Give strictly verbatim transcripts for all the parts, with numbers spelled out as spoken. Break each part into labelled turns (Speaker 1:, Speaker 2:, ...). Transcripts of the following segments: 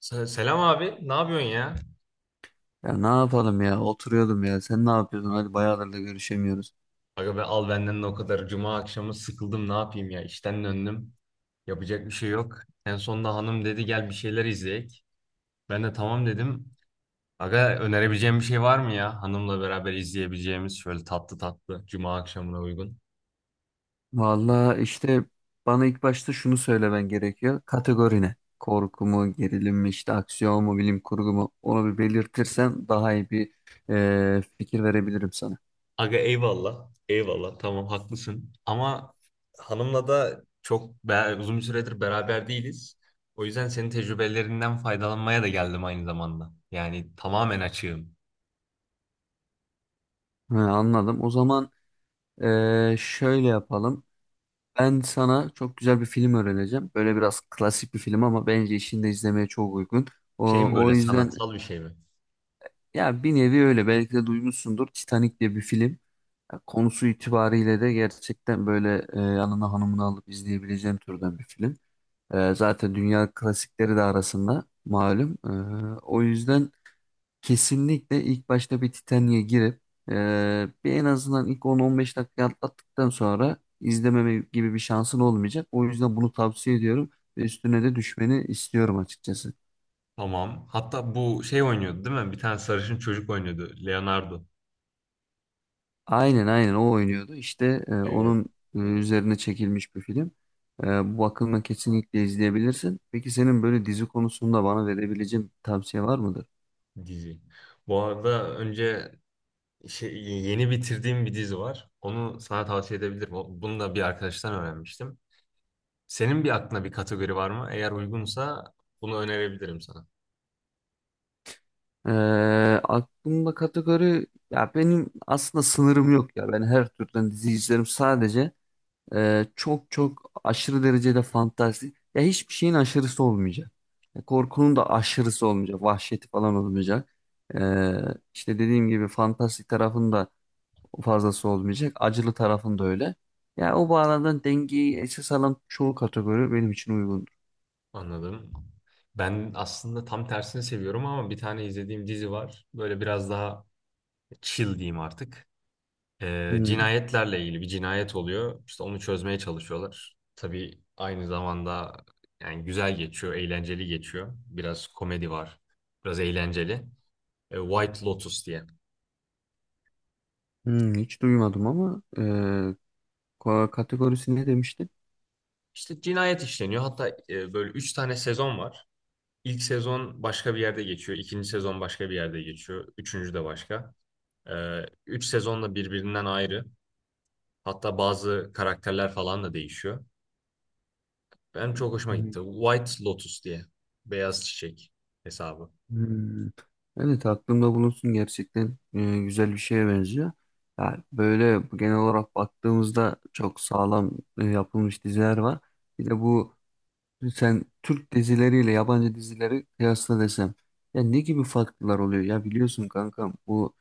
Speaker 1: Se- Selam abi, ne yapıyorsun ya?
Speaker 2: Ya ne yapalım ya, oturuyordum. Ya sen ne yapıyorsun? Hadi bayağıdır da görüşemiyoruz.
Speaker 1: Aga be al benden de o kadar. Cuma akşamı sıkıldım, ne yapayım ya? İşten döndüm. Yapacak bir şey yok. En sonunda hanım dedi gel bir şeyler izleyek. Ben de tamam dedim. Aga önerebileceğim bir şey var mı ya? Hanımla beraber izleyebileceğimiz şöyle tatlı tatlı Cuma akşamına uygun.
Speaker 2: Vallahi işte bana ilk başta şunu söylemen gerekiyor, kategori ne? Korku mu, gerilim mi, işte aksiyon mu, bilim kurgu mu, onu bir belirtirsen daha iyi bir e, fikir verebilirim sana.
Speaker 1: Aga eyvallah, eyvallah. Tamam haklısın. Ama hanımla da çok be- uzun bir süredir beraber değiliz. O yüzden senin tecrübelerinden faydalanmaya da geldim aynı zamanda. Yani tamamen açığım.
Speaker 2: He, anladım. O zaman e, şöyle yapalım, ben sana çok güzel bir film öğreneceğim, böyle biraz klasik bir film ama bence işinde izlemeye çok uygun.
Speaker 1: Şey
Speaker 2: O,
Speaker 1: mi
Speaker 2: o
Speaker 1: böyle
Speaker 2: yüzden
Speaker 1: sanatsal bir şey mi?
Speaker 2: ya, bir nevi öyle, belki de duymuşsundur, Titanic diye bir film. Ya konusu itibariyle de gerçekten böyle e, yanına hanımını alıp izleyebileceğin türden bir film. E, zaten dünya klasikleri de arasında malum. E, o yüzden kesinlikle ilk başta bir Titanic'e girip e, bir, en azından ilk on on beş dakika atlattıktan sonra izlememe gibi bir şansın olmayacak. O yüzden bunu tavsiye ediyorum ve üstüne de düşmeni istiyorum açıkçası.
Speaker 1: Tamam. Hatta bu şey oynuyordu değil mi? Bir tane sarışın çocuk oynuyordu. Leonardo.
Speaker 2: Aynen, aynen, o oynuyordu. İşte e,
Speaker 1: Evet.
Speaker 2: onun e, üzerine çekilmiş bir film. E, Bu bakımdan kesinlikle izleyebilirsin. Peki senin böyle dizi konusunda bana verebileceğin bir tavsiye var mıdır?
Speaker 1: Dizi. Bu arada önce şey, yeni bitirdiğim bir dizi var. Onu sana tavsiye edebilirim. O- Bunu da bir arkadaştan öğrenmiştim. Senin bir aklına bir kategori var mı? Eğer uygunsa bunu önerebilirim sana.
Speaker 2: E, Aklımda kategori ya, benim aslında sınırım yok ya. Ben her türden dizi izlerim. Sadece e, çok çok aşırı derecede fantastik, ya hiçbir şeyin aşırısı olmayacak. Ya korkunun da aşırısı olmayacak. Vahşeti falan olmayacak. E, işte dediğim gibi fantastik tarafında fazlası olmayacak. Acılı tarafın da öyle. Yani o bağlamdan dengeyi esas alan çoğu kategori benim için uygundur.
Speaker 1: Anladım. Ben aslında tam tersini seviyorum ama bir tane izlediğim dizi var. Böyle biraz daha chill diyeyim artık. Ee,
Speaker 2: Hmm,
Speaker 1: cinayetlerle ilgili bir cinayet oluyor. İşte onu çözmeye çalışıyorlar. Tabii aynı zamanda yani güzel geçiyor, eğlenceli geçiyor. Biraz komedi var, biraz eğlenceli. Ee, White Lotus diye.
Speaker 2: hmm, hiç duymadım ama e, ko- kategorisi ne demiştin?
Speaker 1: İşte cinayet işleniyor. Hatta e, böyle üç tane sezon var. İlk sezon başka bir yerde geçiyor. İkinci sezon başka bir yerde geçiyor. Üçüncü de başka. Ee, üç sezon da birbirinden ayrı. Hatta bazı karakterler falan da değişiyor. Benim çok hoşuma
Speaker 2: Hmm,
Speaker 1: gitti. White Lotus diye. Beyaz çiçek hesabı.
Speaker 2: hmm. Evet, aklımda bulunsun, gerçekten e, güzel bir şeye benziyor. Ya böyle genel olarak baktığımızda çok sağlam e, yapılmış diziler var. Bir de bu, sen Türk dizileriyle yabancı dizileri kıyasla desem, ya ne gibi farklar oluyor? Ya biliyorsun kankam, bu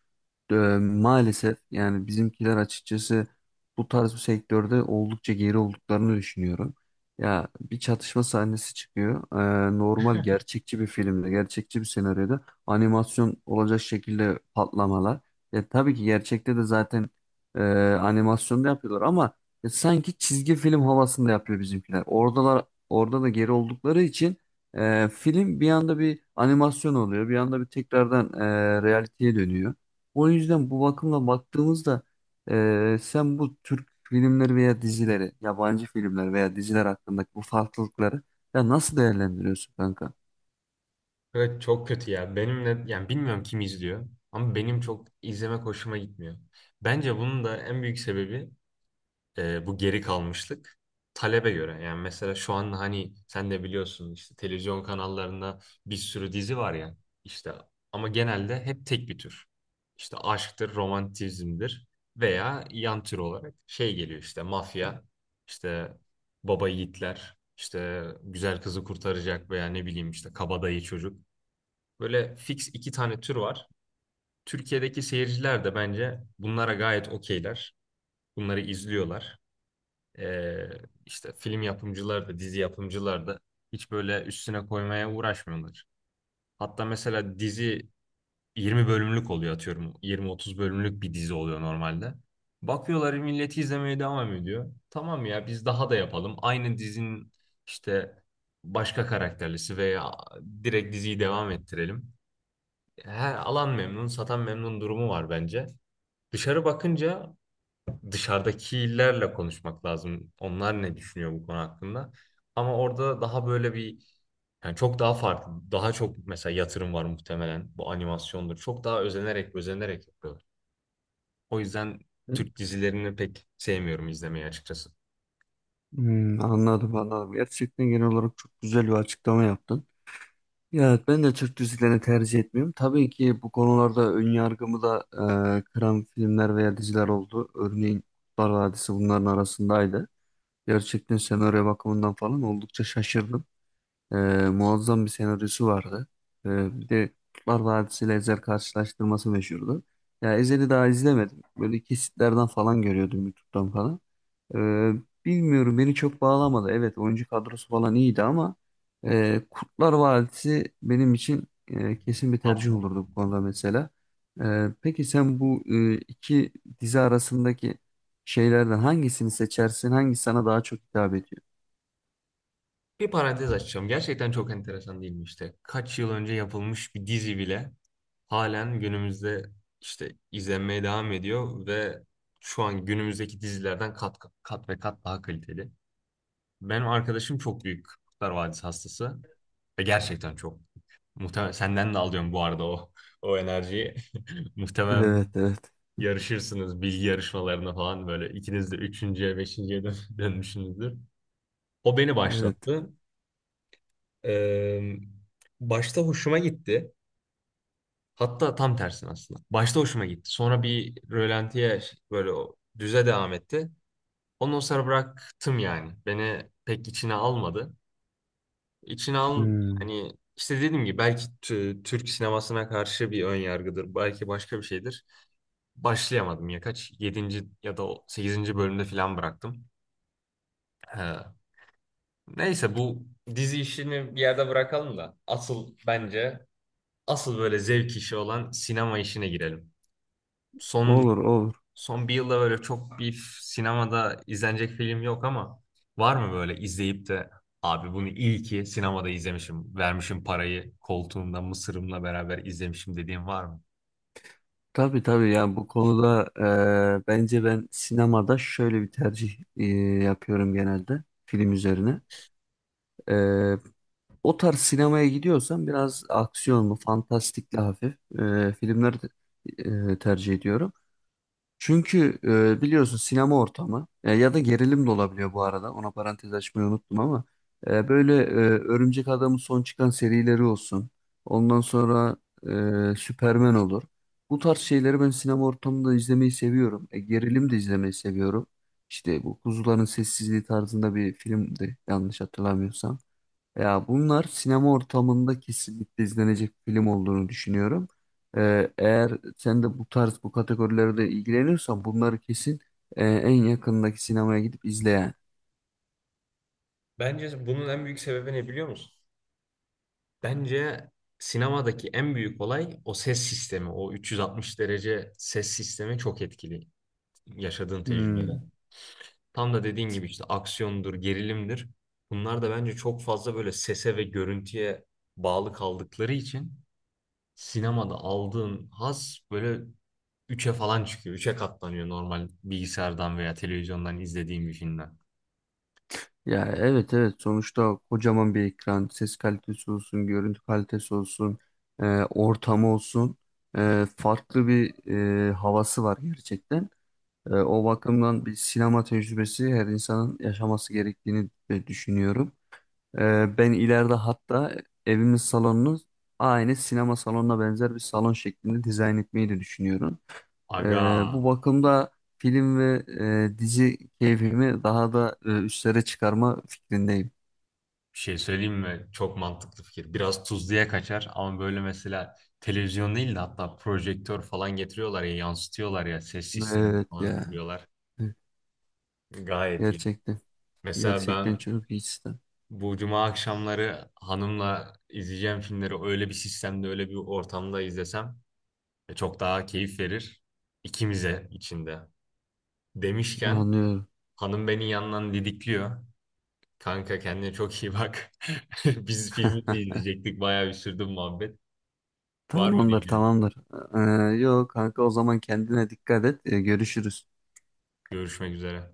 Speaker 2: Ee, maalesef, yani bizimkiler açıkçası bu tarz bir sektörde oldukça geri olduklarını düşünüyorum. Ya bir çatışma sahnesi çıkıyor. Ee, normal gerçekçi bir filmde, gerçekçi bir senaryoda animasyon olacak şekilde patlamalar. Ya tabii ki gerçekte de zaten e, animasyonda yapıyorlar ama ya sanki çizgi film havasında yapıyor bizimkiler. Oradalar, orada da geri oldukları için e, film bir anda bir animasyon oluyor, bir anda bir tekrardan e, realiteye dönüyor. O yüzden bu bakımla baktığımızda eee, sen bu Türk filmleri veya dizileri, yabancı filmler veya diziler hakkındaki bu farklılıkları ya nasıl değerlendiriyorsun kanka?
Speaker 1: Evet çok kötü ya. Benimle yani bilmiyorum kim izliyor ama benim çok izlemek hoşuma gitmiyor. Bence bunun da en büyük sebebi e, bu geri kalmışlık talebe göre. Yani mesela şu an hani sen de biliyorsun işte televizyon kanallarında bir sürü dizi var ya işte ama genelde hep tek bir tür. İşte aşktır, romantizmdir veya yan tür olarak şey geliyor işte mafya, işte baba yiğitler, işte güzel kızı kurtaracak veya ne bileyim işte kabadayı çocuk. Böyle fix iki tane tür var. Türkiye'deki seyirciler de bence bunlara gayet okeyler. Bunları izliyorlar. Ee, işte film yapımcıları da dizi yapımcıları da hiç böyle üstüne koymaya uğraşmıyorlar. Hatta mesela dizi yirmi bölümlük oluyor atıyorum. yirmi otuz bölümlük bir dizi oluyor normalde. Bakıyorlar milleti izlemeye devam ediyor. Tamam ya biz daha da yapalım. Aynı dizinin işte başka karakterlisi veya direkt diziyi devam ettirelim. Her alan memnun, satan memnun durumu var bence. Dışarı bakınca dışarıdakilerle konuşmak lazım. Onlar ne düşünüyor bu konu hakkında? Ama orada daha böyle bir yani çok daha farklı, daha çok mesela yatırım var muhtemelen. Bu animasyondur. Çok daha özenerek, özenerek yapıyorlar. O yüzden Türk dizilerini pek sevmiyorum izlemeyi açıkçası.
Speaker 2: Hmm, anladım, anladım. Gerçekten genel olarak çok güzel bir açıklama yaptın. Ya evet, ben de Türk dizilerini tercih etmiyorum. Tabii ki bu konularda ön yargımı da e, kıran filmler veya diziler oldu. Örneğin Kurtlar Vadisi bunların arasındaydı. Gerçekten senaryo bakımından falan oldukça şaşırdım. Ee, Muazzam bir senaryosu vardı. Ee, bir de Kurtlar Vadisi ile Ezel karşılaştırması meşhurdu. Ya Ezel'i daha izlemedim, böyle kesitlerden falan görüyordum YouTube'dan falan. Ee, Bilmiyorum, beni çok bağlamadı. Evet, oyuncu kadrosu falan iyiydi ama e, Kurtlar Vadisi benim için e, kesin bir tercih
Speaker 1: Tamam.
Speaker 2: olurdu bu konuda mesela. Ee, peki sen bu e, iki dizi arasındaki şeylerden hangisini seçersin? Hangisi sana daha çok hitap ediyor?
Speaker 1: Bir parantez açacağım. Gerçekten çok enteresan değil mi işte? Kaç yıl önce yapılmış bir dizi bile halen günümüzde işte izlenmeye devam ediyor ve şu an günümüzdeki dizilerden kat kat ve kat daha kaliteli. Benim arkadaşım çok büyük Kurtlar Vadisi hastası. Ve gerçekten çok. Muhtemelen senden de alıyorum bu arada o o enerjiyi. Muhtemelen
Speaker 2: Evet, evet,
Speaker 1: yarışırsınız bilgi yarışmalarına falan böyle ikiniz de üçüncüye, beşinciye dön- dönmüşsünüzdür. O beni
Speaker 2: evet.
Speaker 1: başlattı. Ee, Başta hoşuma gitti. Hatta tam tersine aslında. Başta hoşuma gitti. Sonra bir rölantiye böyle o düze devam etti. Ondan sonra bıraktım yani. Beni pek içine almadı. İçine al
Speaker 2: Hmm.
Speaker 1: hani işte dediğim gibi belki tü- Türk sinemasına karşı bir ön yargıdır. Belki başka bir şeydir. Başlayamadım ya kaç yedinci ya da sekizinci bölümde falan bıraktım. He. Neyse bu dizi işini bir yerde bırakalım da asıl bence asıl böyle zevk işi olan sinema işine girelim. Son
Speaker 2: Olur, olur.
Speaker 1: Son bir yılda böyle çok bir sinemada izlenecek film yok ama var mı böyle izleyip de abi bunu iyi ki sinemada izlemişim, vermişim parayı, koltuğumda mısırımla beraber izlemişim dediğin var mı?
Speaker 2: Tabii, tabii ya, bu konuda e, bence ben sinemada şöyle bir tercih e, yapıyorum genelde film üzerine. E, O tarz sinemaya gidiyorsam biraz aksiyonlu, fantastikli hafif e, filmleri e, tercih ediyorum. Çünkü e, biliyorsun sinema ortamı, e, ya da gerilim de olabiliyor bu arada, ona parantez açmayı unuttum ama e, böyle e, Örümcek Adam'ın son çıkan serileri olsun. Ondan sonra e, Süperman olur. Bu tarz şeyleri ben sinema ortamında izlemeyi seviyorum. E, gerilim de izlemeyi seviyorum. İşte bu Kuzuların Sessizliği tarzında bir filmdi yanlış hatırlamıyorsam. Ya bunlar sinema ortamında kesinlikle izlenecek film olduğunu düşünüyorum. Ee, eğer sen de bu tarz bu kategorilerde ilgileniyorsan bunları kesin e, en yakındaki sinemaya gidip izle yani.
Speaker 1: Bence bunun en büyük sebebi ne biliyor musun? Bence sinemadaki en büyük olay o ses sistemi, o üç yüz altmış derece ses sistemi çok etkili yaşadığın tecrübede.
Speaker 2: Hmm.
Speaker 1: Tam da dediğin gibi işte aksiyondur, gerilimdir. Bunlar da bence çok fazla böyle sese ve görüntüye bağlı kaldıkları için sinemada aldığın haz böyle üçe falan çıkıyor. Üçe katlanıyor normal bilgisayardan veya televizyondan izlediğim bir filmden.
Speaker 2: Ya evet, evet, sonuçta kocaman bir ekran, ses kalitesi olsun, görüntü kalitesi olsun, e, ortamı olsun, e, farklı bir e, havası var gerçekten. E, o bakımdan bir sinema tecrübesi her insanın yaşaması gerektiğini e, düşünüyorum. Ee, ben ileride hatta evimin salonunu aynı sinema salonuna benzer bir salon şeklinde dizayn etmeyi de düşünüyorum.
Speaker 1: Aga
Speaker 2: Ee, Bu bakımda film ve e, dizi keyfimi daha da e, üstlere çıkarma fikrindeyim.
Speaker 1: bir şey söyleyeyim mi? Çok mantıklı fikir. Biraz tuzluya kaçar ama böyle mesela televizyon değil de hatta projektör falan getiriyorlar ya yansıtıyorlar ya ses sistemi
Speaker 2: Evet
Speaker 1: falan
Speaker 2: ya,
Speaker 1: kuruyorlar.
Speaker 2: evet.
Speaker 1: Gayet iyi.
Speaker 2: Gerçekten.
Speaker 1: Mesela
Speaker 2: Gerçekten
Speaker 1: ben
Speaker 2: çok iyi sistem.
Speaker 1: bu cuma akşamları hanımla izleyeceğim filmleri öyle bir sistemde öyle bir ortamda izlesem E, çok daha keyif verir ikimize içinde. Demişken
Speaker 2: Anlıyorum.
Speaker 1: hanım beni yandan didikliyor. Kanka kendine çok iyi bak. Biz filmi de
Speaker 2: Heh,
Speaker 1: izleyecektik. Bayağı bir sürdü bu muhabbet. Var mı
Speaker 2: Tamamdır,
Speaker 1: diyeceğim.
Speaker 2: tamamdır. Ee, yok kanka, o zaman kendine dikkat et. Ee, görüşürüz.
Speaker 1: Görüşmek üzere.